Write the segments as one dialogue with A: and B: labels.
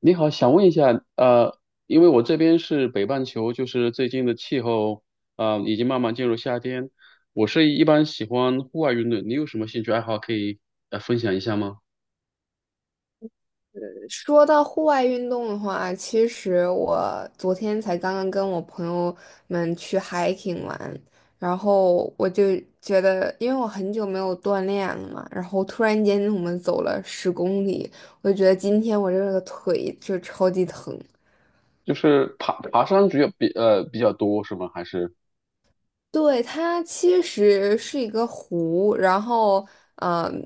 A: 你好，想问一下，因为我这边是北半球，就是最近的气候，已经慢慢进入夏天。我是一般喜欢户外运动，你有什么兴趣爱好可以分享一下吗？
B: 说到户外运动的话，其实我昨天才刚刚跟我朋友们去 hiking 玩，然后我就觉得，因为我很久没有锻炼了嘛，然后突然间我们走了10公里，我就觉得今天我这个腿就超级疼。
A: 就是爬山主要比较多是吗？还是
B: 对，它其实是一个湖，然后，嗯，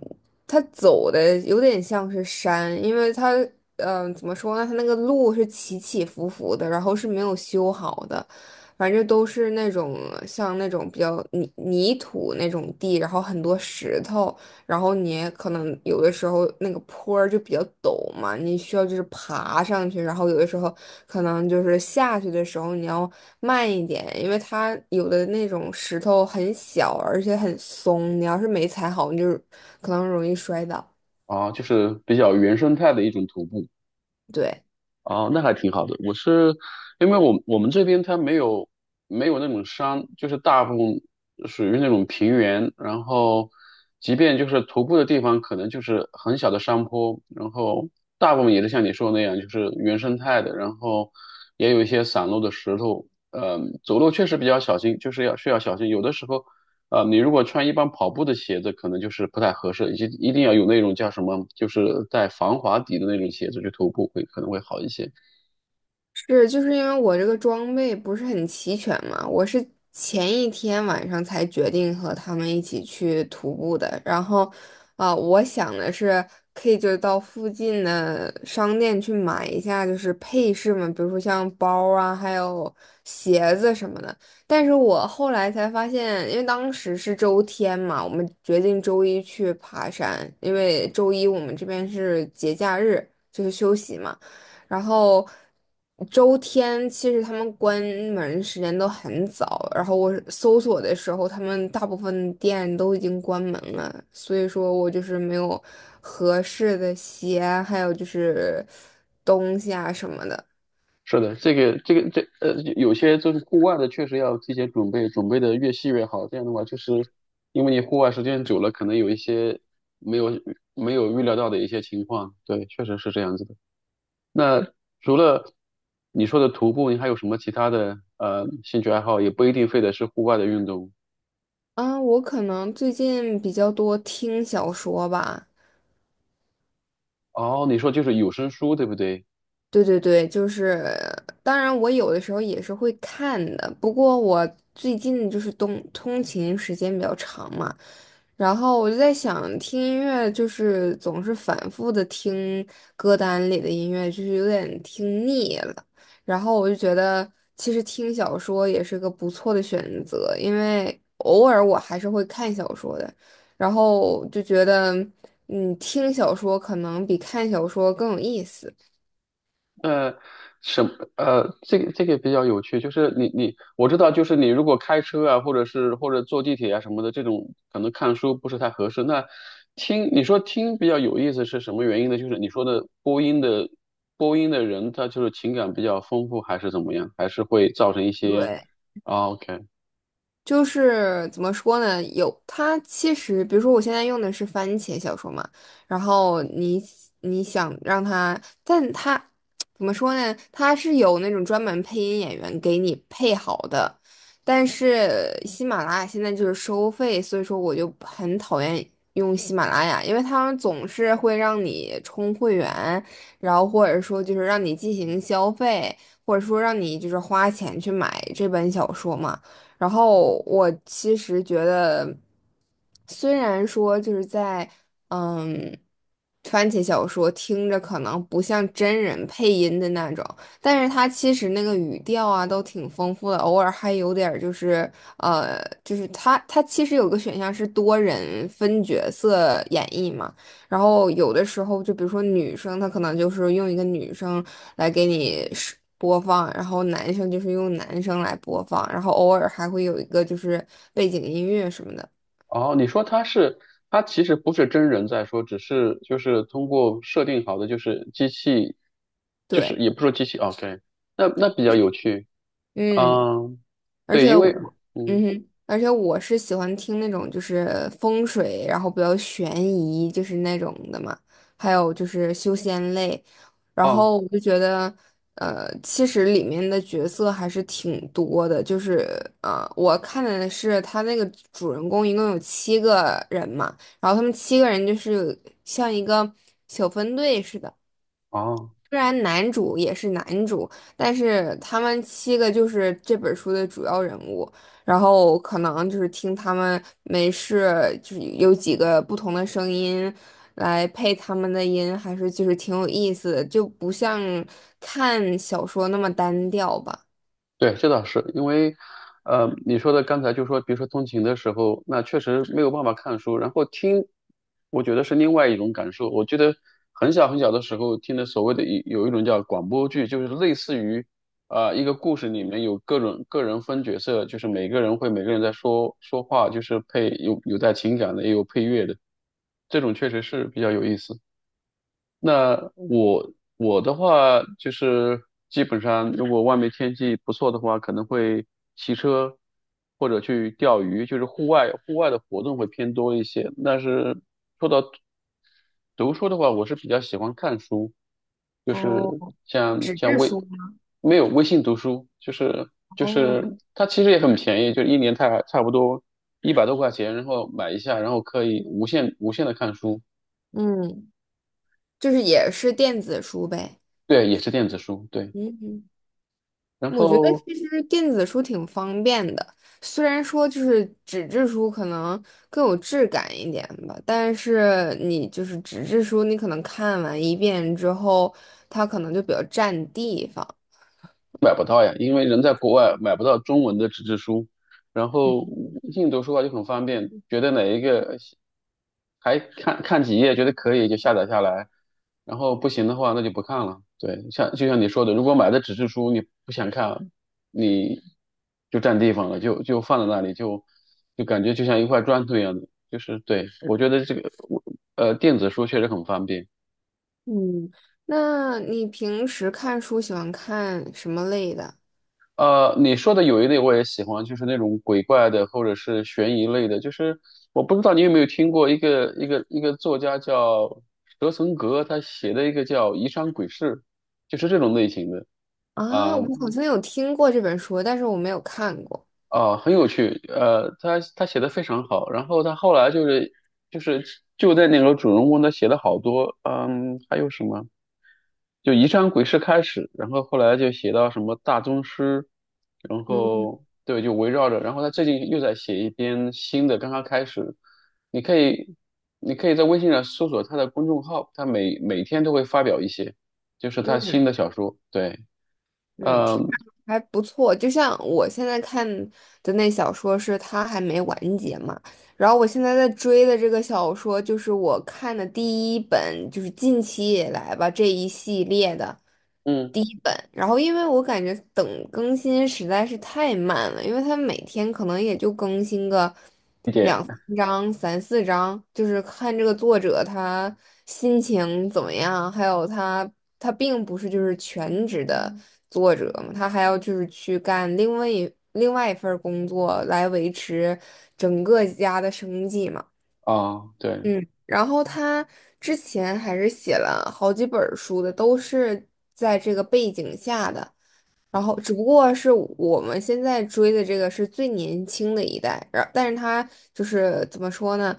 B: 它走的有点像是山，因为它，怎么说呢？它那个路是起起伏伏的，然后是没有修好的，反正都是那种像那种比较泥土那种地，然后很多石头，然后你可能有的时候那个坡儿就比较陡嘛，你需要就是爬上去，然后有的时候可能就是下去的时候你要慢一点，因为它有的那种石头很小，而且很松，你要是没踩好，你就可能容易摔倒。
A: 啊，就是比较原生态的一种徒步？
B: 对。
A: 哦，那还挺好的。我是因为我们这边它没有那种山，就是大部分属于那种平原，然后即便就是徒步的地方，可能就是很小的山坡，然后大部分也是像你说的那样，就是原生态的，然后也有一些散落的石头。走路确实比较小心，就是需要小心。有的时候啊，你如果穿一般跑步的鞋子，可能就是不太合适，一定要有那种叫什么，就是带防滑底的那种鞋子去徒步会可能会好一些。
B: 是，就是因为我这个装备不是很齐全嘛，我是前一天晚上才决定和他们一起去徒步的。然后，我想的是可以就到附近的商店去买一下，就是配饰嘛，比如说像包啊，还有鞋子什么的。但是我后来才发现，因为当时是周天嘛，我们决定周一去爬山，因为周一我们这边是节假日，就是休息嘛。然后周天其实他们关门时间都很早，然后我搜索的时候，他们大部分店都已经关门了，所以说我就是没有合适的鞋，还有就是东西啊什么的。
A: 是的，这个,有些就是户外的，确实要提前准备，准备的越细越好。这样的话，就是因为你户外时间久了，可能有一些没有没有预料到的一些情况。对，确实是这样子的。那除了你说的徒步，你还有什么其他的兴趣爱好？也不一定非得是户外的运动。
B: 我可能最近比较多听小说吧。
A: 哦，你说就是有声书，对不对？
B: 对对对，就是，当然我有的时候也是会看的，不过我最近就是通勤时间比较长嘛，然后我就在想，听音乐就是总是反复的听歌单里的音乐，就是有点听腻了。然后我就觉得，其实听小说也是个不错的选择，因为偶尔我还是会看小说的，然后就觉得，听小说可能比看小说更有意思。
A: 呃，什这个这个比较有趣，就是你我知道，就是你如果开车啊，或者是或者坐地铁啊什么的，这种可能看书不是太合适。那听你说听比较有意思是什么原因呢？就是你说的播音的人，他就是情感比较丰富，还是怎么样？还是会造成一些
B: 对。
A: 啊？OK，
B: 就是怎么说呢？有它其实，比如说我现在用的是番茄小说嘛，然后你想让它，但它怎么说呢？它是有那种专门配音演员给你配好的，但是喜马拉雅现在就是收费，所以说我就很讨厌用喜马拉雅，因为他们总是会让你充会员，然后或者说就是让你进行消费，或者说让你就是花钱去买这本小说嘛。然后我其实觉得，虽然说就是在嗯番茄小说听着可能不像真人配音的那种，但是它其实那个语调啊都挺丰富的，偶尔还有点儿就是，就是它其实有个选项是多人分角色演绎嘛。然后有的时候，就比如说女生，她可能就是用一个女生来给你是播放，然后男生就是用男生来播放，然后偶尔还会有一个就是背景音乐什么的。
A: 哦，你说他是，他其实不是真人在说，只是就是通过设定好的，就是机器，就是
B: 对，
A: 也不说机器哦，OK，那那比较有趣，
B: 嗯。
A: 嗯，
B: 而
A: 对，
B: 且
A: 因为，
B: 我，
A: 嗯，
B: 嗯哼，而且我是喜欢听那种就是风水，然后比较悬疑，就是那种的嘛，还有就是修仙类，然
A: 哦
B: 后我就觉得，其实里面的角色还是挺多的，就是，我看的是他那个主人公一共有七个人嘛，然后他们七个人就是像一个小分队似的。
A: 哦。
B: 虽然男主也是男主，但是他们七个就是这本书的主要人物。然后可能就是听他们没事，就是有几个不同的声音来配他们的音，还是就是挺有意思的，就不像看小说那么单调吧。
A: 对，这倒是因为，你说的刚才就说，比如说通勤的时候，那确实没有办法看书，然后听，我觉得是另外一种感受。我觉得很小很小的时候听的所谓的一有一种叫广播剧，就是类似于，啊、一个故事里面有各种个人分角色，就是每个人在说说话，就是配有带情感的，也有配乐的，这种确实是比较有意思。那我的话就是基本上，如果外面天气不错的话，可能会骑车或者去钓鱼，就是户外的活动会偏多一些。但是读书的话，我是比较喜欢看书，就是
B: 哦，
A: 像
B: 纸
A: 像
B: 质
A: 微
B: 书吗？
A: 没有微信读书，就是就
B: 哦，
A: 是它其实也很便宜，就一年差不多100多块钱，然后买一下，然后可以无限的看书，
B: 嗯，就是也是电子书呗。
A: 对，也是电子书，对。
B: 嗯。
A: 然
B: 我觉得
A: 后
B: 其实电子书挺方便的，虽然说就是纸质书可能更有质感一点吧，但是你就是纸质书，你可能看完一遍之后，它可能就比较占地方。
A: 买不到呀，因为人在国外买不到中文的纸质书，然后硬读书的话就很方便，觉得哪一个还看看几页，觉得可以就下载下来，然后不行的话那就不看了。对，像就像你说的，如果买的纸质书你不想看，你就占地方了，就放在那里，就感觉就像一块砖头一样的，就是对，我觉得这个电子书确实很方便。
B: 嗯，那你平时看书喜欢看什么类的？
A: 呃，你说的有一类我也喜欢，就是那种鬼怪的或者是悬疑类的。就是我不知道你有没有听过一个作家叫蛇存格，他写的一个叫《疑山鬼事》，就是这种类型的啊
B: 我好像有听过这本书，但是我没有看过。
A: 啊、很有趣。呃，他写的非常好，然后他后来就是就在那个主人公他写了好多，嗯，还有什么？就《宜山鬼事》开始，然后后来就写到什么大宗师，然后对，就围绕着，然后他最近又在写一篇新的，刚刚开始，你可以你可以在微信上搜索他的公众号，他每天都会发表一些，就是他
B: 嗯。
A: 新的小说，对，
B: 嗯，听着
A: 嗯
B: 还不错。就像我现在看的那小说是它还没完结嘛，然后我现在在追的这个小说就是我看的第一本，就是近期以来吧这一系列的。
A: 嗯，
B: 第一本，然后因为我感觉等更新实在是太慢了，因为他每天可能也就更新个
A: 一点
B: 两三章、三四章，就是看这个作者他心情怎么样，还有他他并不是就是全职的作者嘛，他还要就是去干另外一份儿工作来维持整个家的生计嘛。
A: 啊，对。
B: 嗯，然后他之前还是写了好几本儿书的，都是在这个背景下的。然后只不过是我们现在追的这个是最年轻的一代，但是他就是怎么说呢？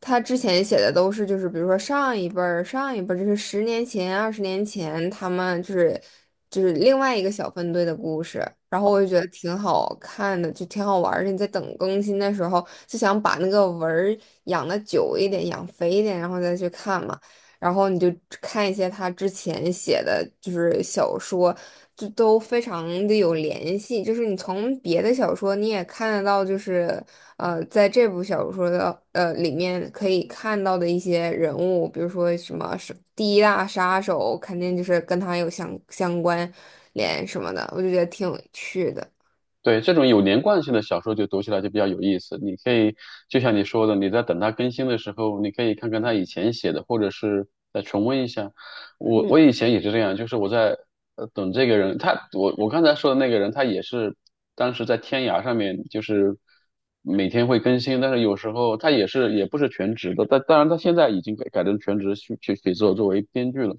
B: 他之前写的都是就是比如说上一辈儿、上一辈儿，就是十年前、20年前他们就是另外一个小分队的故事，然后我就觉得挺好看的，就挺好玩儿的。你在等更新的时候，就想把那个文儿养的久一点、养肥一点，然后再去看嘛。然后你就看一些他之前写的，就是小说，就都非常的有联系。就是你从别的小说你也看得到，就是，在这部小说的里面可以看到的一些人物，比如说什么是第一大杀手，肯定就是跟他有相关联什么的，我就觉得挺有趣的。
A: 对，这种有连贯性的小说就读起来就比较有意思。你可以就像你说的，你在等它更新的时候，你可以看看他以前写的，或者是再重温一下。我
B: 嗯
A: 以前也是这样，就是我在等这个人，他我刚才说的那个人，他也是当时在天涯上面，就是每天会更新，但是有时候他也是也不是全职的，但当然他现在已经改成全职去写作作为编剧了。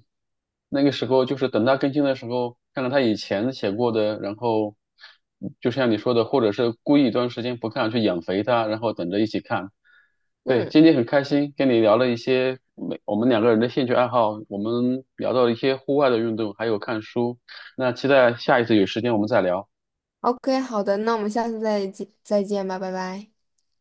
A: 那个时候就是等他更新的时候，看看他以前写过的，然后就像你说的，或者是故意一段时间不看，去养肥它，然后等着一起看。对，
B: 嗯
A: 今天很开心跟你聊了一些每我们两个人的兴趣爱好，我们聊到了一些户外的运动，还有看书。那期待下一次有时间我们再聊。
B: ，OK，好的，那我们下次再见再见吧，拜拜。